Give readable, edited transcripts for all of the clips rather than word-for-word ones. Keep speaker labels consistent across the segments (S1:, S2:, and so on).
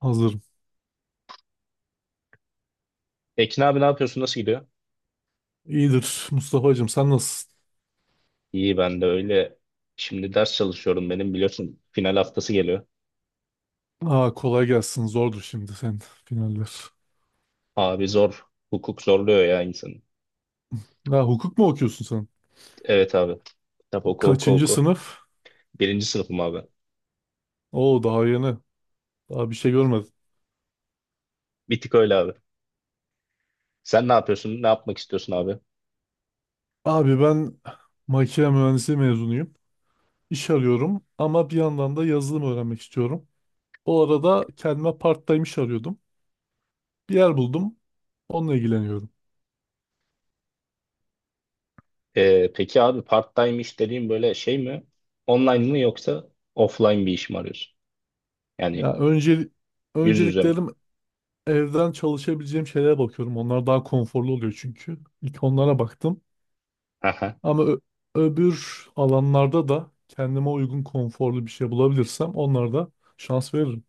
S1: Hazırım.
S2: Ekin abi ne yapıyorsun? Nasıl gidiyor?
S1: İyidir Mustafa'cığım, sen nasılsın?
S2: İyi ben de öyle. Şimdi ders çalışıyorum benim biliyorsun final haftası geliyor.
S1: Aa, kolay gelsin, zordur şimdi senin finaller.
S2: Abi zor. Hukuk zorluyor ya insanı.
S1: Ha, hukuk mu okuyorsun sen?
S2: Evet abi. Kitap oku oku
S1: Kaçıncı
S2: oku.
S1: sınıf?
S2: Birinci sınıfım abi.
S1: Oo, daha yeni. Daha bir şey görmedim.
S2: Bir tık öyle abi. Sen ne yapıyorsun? Ne yapmak istiyorsun abi?
S1: Abi, ben makine mühendisliği mezunuyum. İş arıyorum ama bir yandan da yazılım öğrenmek istiyorum. O arada kendime part-time iş arıyordum. Bir yer buldum. Onunla ilgileniyorum.
S2: Peki abi part-time iş dediğin böyle şey mi? Online mı yoksa offline bir iş mi arıyorsun?
S1: Ya
S2: Yani yüz yüze mi?
S1: önceliklerim evden çalışabileceğim şeylere bakıyorum. Onlar daha konforlu oluyor çünkü. İlk onlara baktım. Ama öbür alanlarda da kendime uygun konforlu bir şey bulabilirsem onlara da şans veririm.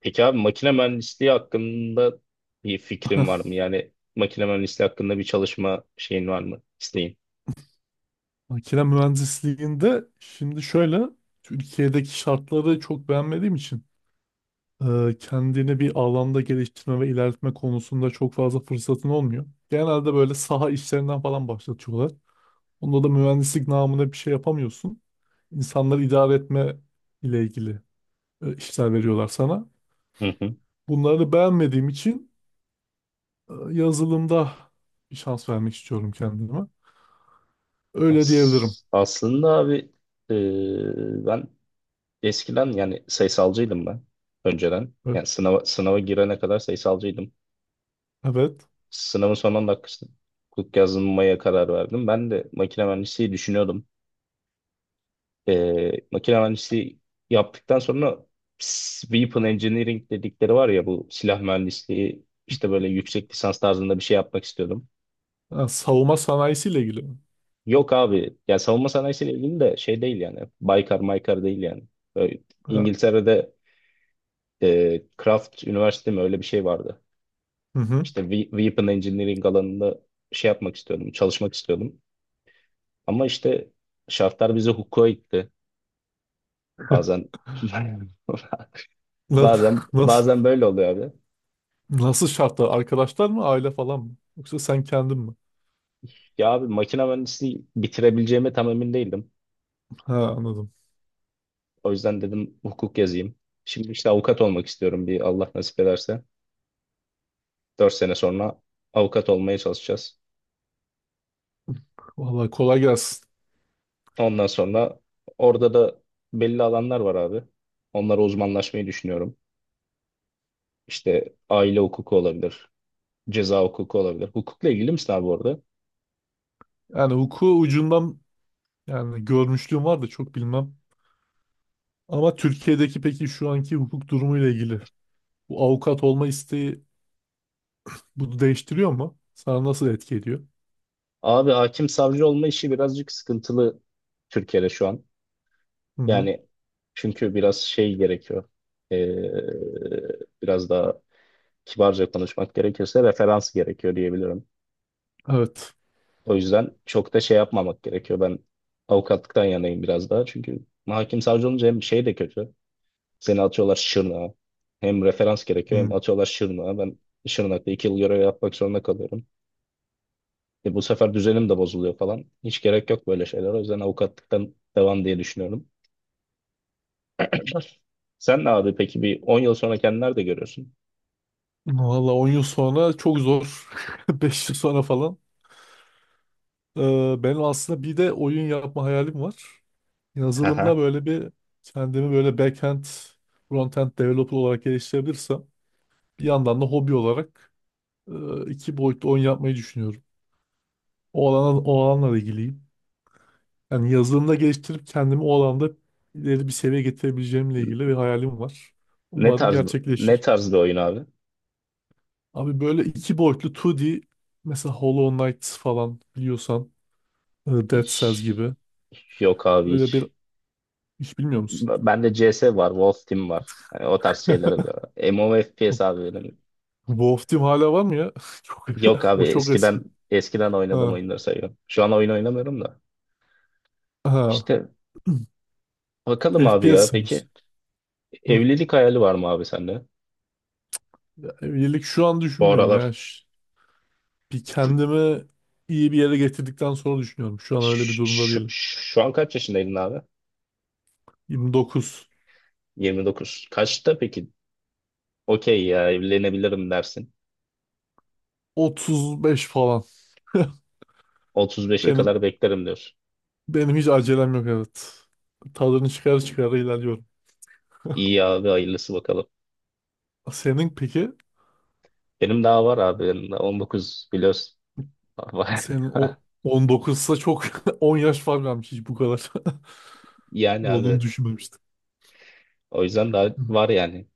S2: Peki abi makine mühendisliği hakkında bir fikrin var mı? Yani makine mühendisliği hakkında bir çalışma şeyin var mı? İsteğin.
S1: Makine mühendisliğinde şimdi şöyle, Türkiye'deki şartları çok beğenmediğim için kendini bir alanda geliştirme ve ilerletme konusunda çok fazla fırsatın olmuyor. Genelde böyle saha işlerinden falan başlatıyorlar. Onda da mühendislik namına bir şey yapamıyorsun. İnsanları idare etme ile ilgili işler veriyorlar sana.
S2: Hı hı.
S1: Bunları beğenmediğim için yazılımda bir şans vermek istiyorum kendime. Öyle diyebilirim.
S2: Aslında abi ben eskiden yani sayısalcıydım ben önceden.
S1: E,
S2: Yani sınava girene kadar sayısalcıydım.
S1: Evet.
S2: Sınavın son 10 dakikasında hukuk yazmaya karar verdim. Ben de makine mühendisliği düşünüyordum. Makine mühendisliği yaptıktan sonra Weapon Engineering dedikleri var ya bu silah mühendisliği işte böyle yüksek lisans tarzında bir şey yapmak istiyordum.
S1: Ha, savunma sanayisiyle ilgili mi?
S2: Yok abi ya savunma sanayisiyle ilgili de şey değil yani Baykar Maykar değil yani. Böyle
S1: Ha.
S2: İngiltere'de Craft Üniversite mi öyle bir şey vardı.
S1: Hı hı.
S2: İşte Weapon Engineering alanında şey yapmak istiyordum, çalışmak istiyordum. Ama işte şartlar bizi hukuka itti. Bazen
S1: Na-
S2: bazen
S1: Nasıl,
S2: bazen böyle oluyor abi.
S1: nasıl şartlar? Arkadaşlar mı, aile falan mı? Yoksa sen kendin mi?
S2: Ya abi makine mühendisliği bitirebileceğime tam emin değildim.
S1: Ha, anladım.
S2: O yüzden dedim hukuk yazayım. Şimdi işte avukat olmak istiyorum bir Allah nasip ederse. 4 sene sonra avukat olmaya çalışacağız.
S1: Vallahi kolay gelsin.
S2: Ondan sonra orada da belli alanlar var abi. Onlara uzmanlaşmayı düşünüyorum. İşte aile hukuku olabilir, ceza hukuku olabilir. Hukukla ilgili misin abi orada?
S1: Yani hukuku ucundan yani görmüşlüğüm var da çok bilmem. Ama Türkiye'deki peki şu anki hukuk durumuyla ilgili bu avukat olma isteği bunu değiştiriyor mu? Sana nasıl etki ediyor?
S2: Abi hakim savcı olma işi birazcık sıkıntılı Türkiye'de şu an.
S1: Hı hı.
S2: Yani çünkü biraz şey gerekiyor. Ee, biraz daha kibarca konuşmak gerekirse referans gerekiyor diyebilirim.
S1: Evet.
S2: O yüzden çok da şey yapmamak gerekiyor. Ben avukatlıktan yanayım biraz daha. Çünkü hakim savcı olunca hem şey de kötü. Seni atıyorlar Şırnak'a. Hem referans gerekiyor hem
S1: Hı.
S2: atıyorlar Şırnak'a. Ben Şırnak'ta 2 yıl görev yapmak zorunda kalıyorum. E, bu sefer düzenim de bozuluyor falan. Hiç gerek yok böyle şeyler. O yüzden avukatlıktan devam diye düşünüyorum. Sen ne abi peki bir 10 yıl sonra kendini nerede görüyorsun?
S1: Valla 10 yıl sonra çok zor. 5 yıl sonra falan. Benim aslında bir de oyun yapma hayalim var. Yazılımda
S2: Aha.
S1: böyle bir kendimi böyle backend, frontend developer olarak geliştirebilirsem bir yandan da hobi olarak iki boyutlu oyun yapmayı düşünüyorum. O alana, o alanla ilgiliyim. Yani yazılımda geliştirip kendimi o alanda ileri bir seviyeye getirebileceğimle ilgili bir hayalim var.
S2: Ne
S1: Umarım
S2: tarz ne
S1: gerçekleşir.
S2: tarz bir oyun abi?
S1: Abi böyle iki boyutlu 2D, mesela Hollow Knight falan biliyorsan, Dead Cells
S2: Hiç-
S1: gibi.
S2: Yok abi
S1: Öyle bir,
S2: hiç.
S1: hiç bilmiyor musun?
S2: Bende CS var, Wolf Team var. Hani o tarz şeyler oluyor. MMO FPS abi benim.
S1: Wolf Team hala var mı ya? Çok,
S2: Yok abi
S1: o çok
S2: eskiden
S1: eski.
S2: eskiden oynadığım
S1: Ha.
S2: oyunları sayıyorum. Şu an oyun oynamıyorum da.
S1: Ha.
S2: İşte bakalım abi
S1: FPS
S2: ya. Peki
S1: seviyorsun. Hı.
S2: evlilik hayali var mı abi sende?
S1: Ya, evlilik şu an
S2: Bu
S1: düşünmüyorum ya.
S2: aralar
S1: Bir kendimi iyi bir yere getirdikten sonra düşünüyorum. Şu an öyle bir durumda değilim.
S2: Şu an kaç yaşındaydın abi?
S1: 29,
S2: 29. Kaçta peki? Okey ya evlenebilirim dersin.
S1: 35 falan.
S2: 35'e
S1: Benim
S2: kadar beklerim diyorsun.
S1: benim hiç acelem yok, evet. Tadını çıkar çıkar ilerliyorum.
S2: İyi abi hayırlısı bakalım.
S1: Senin peki?
S2: Benim daha var abi. Benim daha 19 biliyorsun.
S1: Senin o 19'sa çok 10 yaş fark varmış, hiç bu kadar.
S2: Yani abi
S1: Oğlunu
S2: evet.
S1: düşünmemiştim.
S2: O yüzden daha
S1: Hı.
S2: var yani.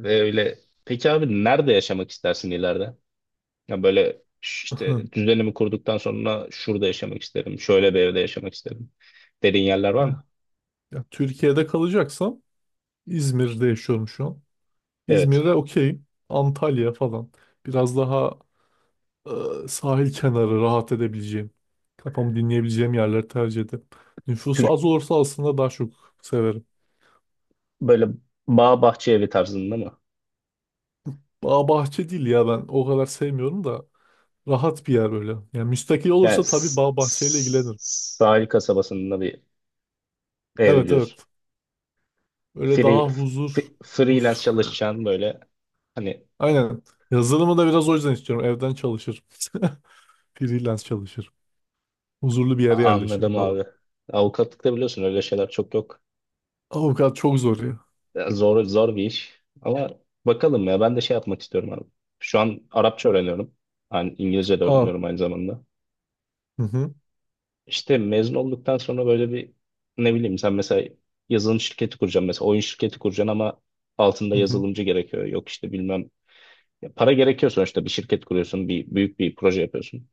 S2: Ve öyle peki abi nerede yaşamak istersin ileride? Ya böyle
S1: Aha.
S2: işte düzenimi kurduktan sonra şurada yaşamak isterim. Şöyle bir evde yaşamak isterim. Dediğin yerler var mı?
S1: Ya, ya, Türkiye'de kalacaksam İzmir'de yaşıyorum şu an.
S2: Evet.
S1: İzmir'e okey. Antalya falan. Biraz daha sahil kenarı rahat edebileceğim. Kafamı dinleyebileceğim yerleri tercih ederim. Nüfusu
S2: Türk
S1: az olursa aslında daha çok severim.
S2: böyle bağ bahçe evi tarzında mı?
S1: Bağ bahçe değil ya, ben o kadar sevmiyorum da rahat bir yer böyle. Yani müstakil
S2: Yani
S1: olursa tabii bağ bahçeyle ilgilenirim.
S2: sahil kasabasında bir ev
S1: Evet,
S2: diyorsun.
S1: evet. Öyle
S2: Free,
S1: daha
S2: f-
S1: huzur
S2: freelance
S1: huzur.
S2: çalışacağın böyle hani
S1: Aynen. Yazılımı da biraz o yüzden istiyorum. Evden çalışırım. Freelance çalışırım. Huzurlu bir yere yerleşirim
S2: anladım
S1: falan.
S2: abi. Avukatlıkta biliyorsun öyle şeyler çok yok.
S1: Avukat çok zor ya.
S2: Ya, zor bir iş. Ama bakalım ya ben de şey yapmak istiyorum abi. Şu an Arapça öğreniyorum. Yani İngilizce de
S1: Aa.
S2: öğreniyorum aynı zamanda.
S1: Hı hı.
S2: İşte mezun olduktan sonra böyle bir ne bileyim sen mesela yazılım şirketi kuracaksın mesela oyun şirketi kuracaksın ama altında
S1: Hı hı.
S2: yazılımcı gerekiyor. Yok işte bilmem. Ya para gerekiyor sonuçta bir şirket kuruyorsun bir büyük bir proje yapıyorsun.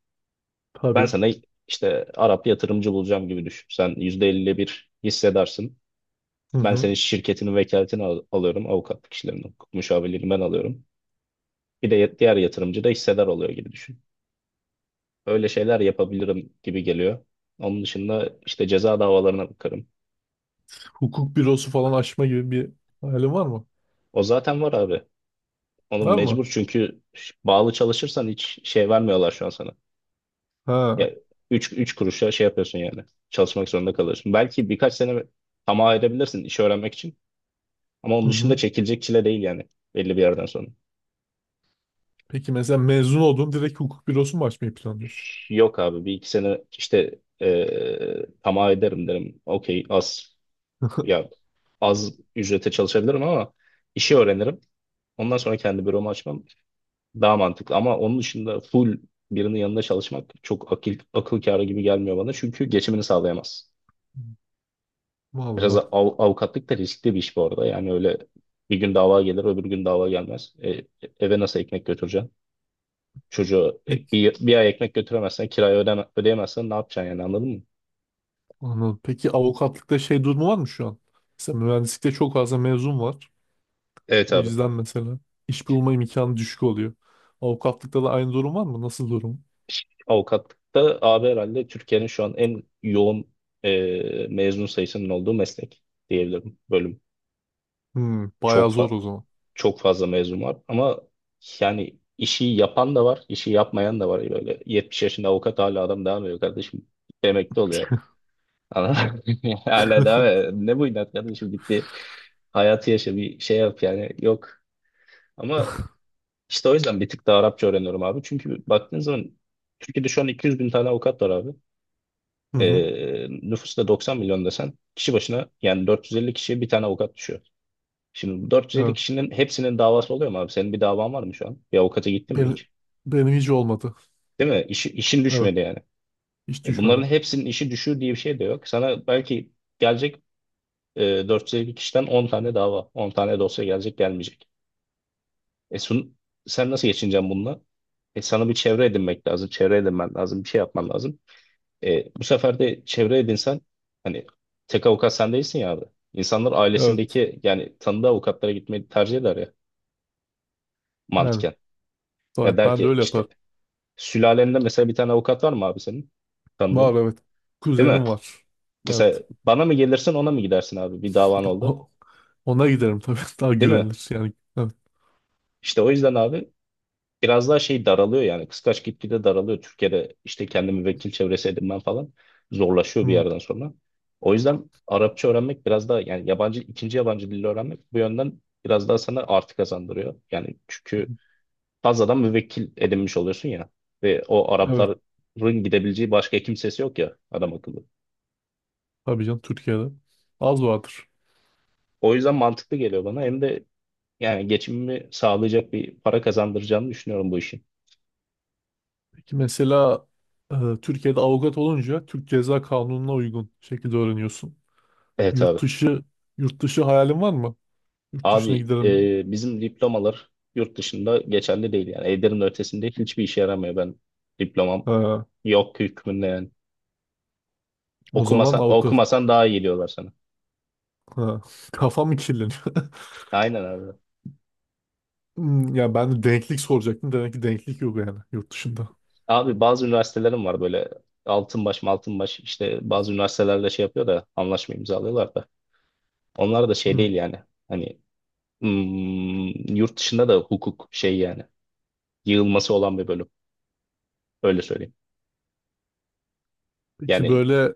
S2: Ben
S1: Tabii.
S2: sana işte Arap yatırımcı bulacağım gibi düşün. Sen %50'le bir hissedarsın.
S1: Hı
S2: Ben
S1: hı.
S2: senin şirketinin vekaletini alıyorum. Avukatlık işlerinden, hukuk müşavirliğini ben alıyorum. Bir de diğer yatırımcı da hissedar oluyor gibi düşün. Öyle şeyler yapabilirim gibi geliyor. Onun dışında işte ceza davalarına bakarım.
S1: Hukuk bürosu falan açma gibi bir hayalin var mı?
S2: O zaten var abi. Onu
S1: Var mı?
S2: mecbur çünkü bağlı çalışırsan hiç şey vermiyorlar şu an sana. Ya
S1: Ha.
S2: üç kuruşa şey yapıyorsun yani. Çalışmak zorunda kalıyorsun. Belki birkaç sene tamah ayırabilirsin işi öğrenmek için. Ama onun
S1: Hı
S2: dışında
S1: hı.
S2: çekilecek çile değil yani belli bir yerden sonra.
S1: Peki mesela mezun oldun, direkt hukuk bürosu mu açmayı planlıyorsun?
S2: Yok abi bir iki sene işte tamah ederim derim. Okey az. Ya az ücrete çalışabilirim ama işi öğrenirim. Ondan sonra kendi büromu açmam daha mantıklı. Ama onun dışında full birinin yanında çalışmak çok akıl kârı gibi gelmiyor bana. Çünkü geçimini sağlayamaz. Biraz
S1: Vallahi.
S2: avukatlık da riskli bir iş bu arada. Yani öyle bir gün dava gelir, öbür gün dava gelmez. Eve nasıl ekmek götüreceksin? Çocuğa
S1: Peki,
S2: bir ay ekmek götüremezsen, kirayı ödeyemezsen ne yapacaksın yani anladın mı?
S1: anladım. Peki avukatlıkta şey durumu var mı şu an? Mesela mühendislikte çok fazla mezun var.
S2: Evet
S1: O
S2: abi.
S1: yüzden mesela iş bulma imkanı düşük oluyor. Avukatlıkta da aynı durum var mı? Nasıl durum?
S2: Avukatlıkta abi herhalde Türkiye'nin şu an en yoğun e, mezun sayısının olduğu meslek diyebilirim bölüm.
S1: Hmm, bayağı
S2: Çok
S1: zor
S2: fa-
S1: o zaman.
S2: çok fazla mezun var ama yani işi yapan da var, işi yapmayan da var. Böyle 70 yaşında avukat hala adam devam ediyor kardeşim. Emekli oluyor. Anladın mı? Hala devam ediyor. Ne bu inat kardeşim git bir hayatı yaşa bir şey yap yani yok. Ama işte o yüzden bir tık daha Arapça öğreniyorum abi. Çünkü baktığın zaman Türkiye'de şu an 200 bin tane avukat var abi.
S1: Hı hı.
S2: Nüfus da 90 milyon desen kişi başına yani 450 kişiye bir tane avukat düşüyor. Şimdi bu 450
S1: Evet.
S2: kişinin hepsinin davası oluyor mu abi? Senin bir davan var mı şu an? Bir avukata gittin mi
S1: Benim,
S2: hiç?
S1: benim hiç olmadı.
S2: Değil mi? İşin
S1: Evet.
S2: düşmedi yani.
S1: Hiç
S2: E bunların
S1: düşmedim.
S2: hepsinin işi düşüyor diye bir şey de yok. Sana belki gelecek e, 450 kişiden 10 tane dava, 10 tane dosya gelecek gelmeyecek. E sun, sen nasıl geçineceksin bununla? E, sana bir çevre edinmek lazım, çevre edinmen lazım, bir şey yapman lazım. E, bu sefer de çevre edinsen hani tek avukat sen değilsin ya abi. İnsanlar
S1: Evet.
S2: ailesindeki yani tanıdığı avukatlara gitmeyi tercih eder ya
S1: Yani
S2: mantıken. Ya
S1: var.
S2: der
S1: Ben de
S2: ki
S1: öyle
S2: işte
S1: yaparım.
S2: sülalende mesela bir tane avukat var mı abi senin
S1: Var,
S2: tanıdığın?
S1: evet.
S2: Değil mi?
S1: Kuzenim var.
S2: Mesela
S1: Evet.
S2: bana mı gelirsin ona mı gidersin abi bir davan oldu?
S1: O, ona giderim tabii. Daha
S2: Değil mi?
S1: güvenilir yani. Evet.
S2: İşte o yüzden abi biraz daha şey daralıyor yani kıskaç gitgide daralıyor. Türkiye'de işte kendi müvekkil çevresi edinmen falan zorlaşıyor bir
S1: Hı.
S2: yerden sonra. O yüzden Arapça öğrenmek biraz daha yani yabancı ikinci yabancı dili öğrenmek bu yönden biraz daha sana artı kazandırıyor. Yani çünkü fazladan müvekkil edinmiş oluyorsun ya ve o
S1: Evet.
S2: Arapların gidebileceği başka kimsesi yok ya adam akıllı.
S1: Tabii canım Türkiye'de. Az vardır.
S2: O yüzden mantıklı geliyor bana hem de yani geçimimi sağlayacak bir para kazandıracağını düşünüyorum bu işin.
S1: Peki mesela e, Türkiye'de avukat olunca Türk Ceza Kanunu'na uygun şekilde öğreniyorsun.
S2: Evet
S1: Yurt
S2: abi.
S1: dışı yurt dışı hayalin var mı? Yurt dışına
S2: Abi
S1: gidelim.
S2: bizim diplomalar yurt dışında geçerli değil yani. Eder'in ötesinde hiçbir işe yaramıyor ben. Diplomam
S1: Ha,
S2: yok hükmünde yani.
S1: o
S2: Okumasa,
S1: zaman avukat.
S2: okumasan daha iyi geliyorlar sana.
S1: Ha, kafam mı kirleniyor?
S2: Aynen abi.
S1: Hmm, ya ben de denklik soracaktım. Demek ki denklik yok yani yurt dışında.
S2: Abi bazı üniversitelerim var böyle Altınbaş Maltınbaş işte bazı üniversitelerle şey yapıyor da anlaşma imzalıyorlar da. Onlar da şey
S1: Hmm.
S2: değil yani. Hani hmm, yurt dışında da hukuk şey yani. Yığılması olan bir bölüm. Öyle söyleyeyim.
S1: Peki
S2: Yani
S1: böyle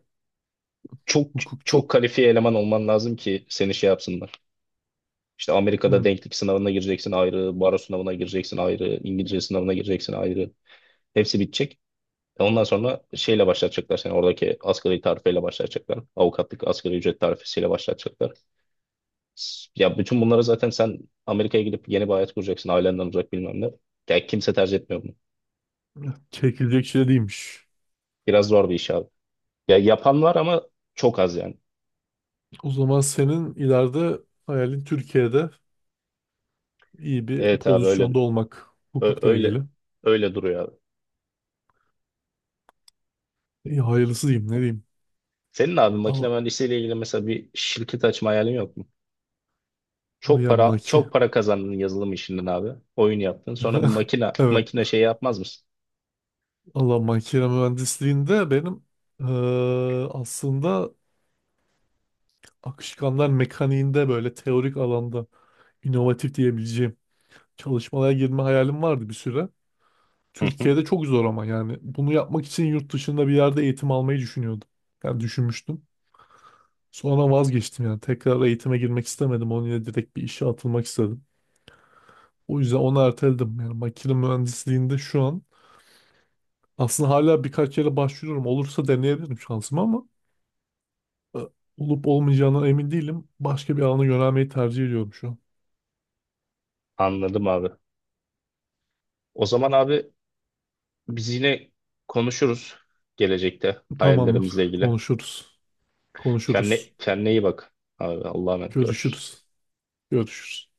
S2: çok
S1: hukukçu
S2: çok kalifiye eleman olman lazım ki seni şey yapsınlar. İşte Amerika'da
S1: hmm.
S2: denklik sınavına gireceksin ayrı, baro sınavına gireceksin ayrı, İngilizce sınavına gireceksin ayrı. Hepsi bitecek. Ondan sonra şeyle başlatacaklar seni oradaki asgari tarifeyle başlatacaklar. Avukatlık asgari ücret tarifesiyle başlatacaklar. Ya bütün bunlara zaten sen Amerika'ya gidip yeni bir hayat kuracaksın ailenden uzak bilmem ne. Ya kimse tercih etmiyor bunu.
S1: Çekilecek şey değilmiş.
S2: Biraz zor bir iş abi. Ya yapan var ama çok az yani.
S1: O zaman senin ileride hayalin Türkiye'de iyi bir
S2: Evet abi öyle
S1: pozisyonda olmak.
S2: ö-
S1: Hukukla
S2: öyle
S1: ilgili.
S2: öyle duruyor abi.
S1: İyi, hayırlısı diyeyim ne diyeyim.
S2: Senin abi makine
S1: Allah,
S2: mühendisliğiyle ilgili mesela bir şirket açma hayalin yok mu?
S1: abi
S2: Çok
S1: ya
S2: para çok para kazandın yazılım işinden abi. Oyun yaptın. Sonra bir makine
S1: Evet.
S2: makine şey yapmaz mısın?
S1: Allah makine mühendisliğinde benim aslında akışkanlar mekaniğinde böyle teorik alanda inovatif diyebileceğim çalışmalara girme hayalim vardı bir süre.
S2: Hı hı.
S1: Türkiye'de çok zor ama yani bunu yapmak için yurt dışında bir yerde eğitim almayı düşünüyordum. Yani düşünmüştüm. Sonra vazgeçtim yani tekrar eğitime girmek istemedim. Onun yerine direkt bir işe atılmak istedim. O yüzden onu erteledim. Yani makine mühendisliğinde şu an aslında hala birkaç yere başvuruyorum. Olursa deneyebilirim şansımı ama e, olup olmayacağına emin değilim. Başka bir alana yönelmeyi tercih ediyorum şu an.
S2: Anladım abi. O zaman abi biz yine konuşuruz gelecekte
S1: Tamamdır.
S2: hayallerimizle ilgili.
S1: Konuşuruz. Konuşuruz.
S2: Kendine iyi bak. Abi Allah'a emanet görüşürüz.
S1: Görüşürüz. Görüşürüz.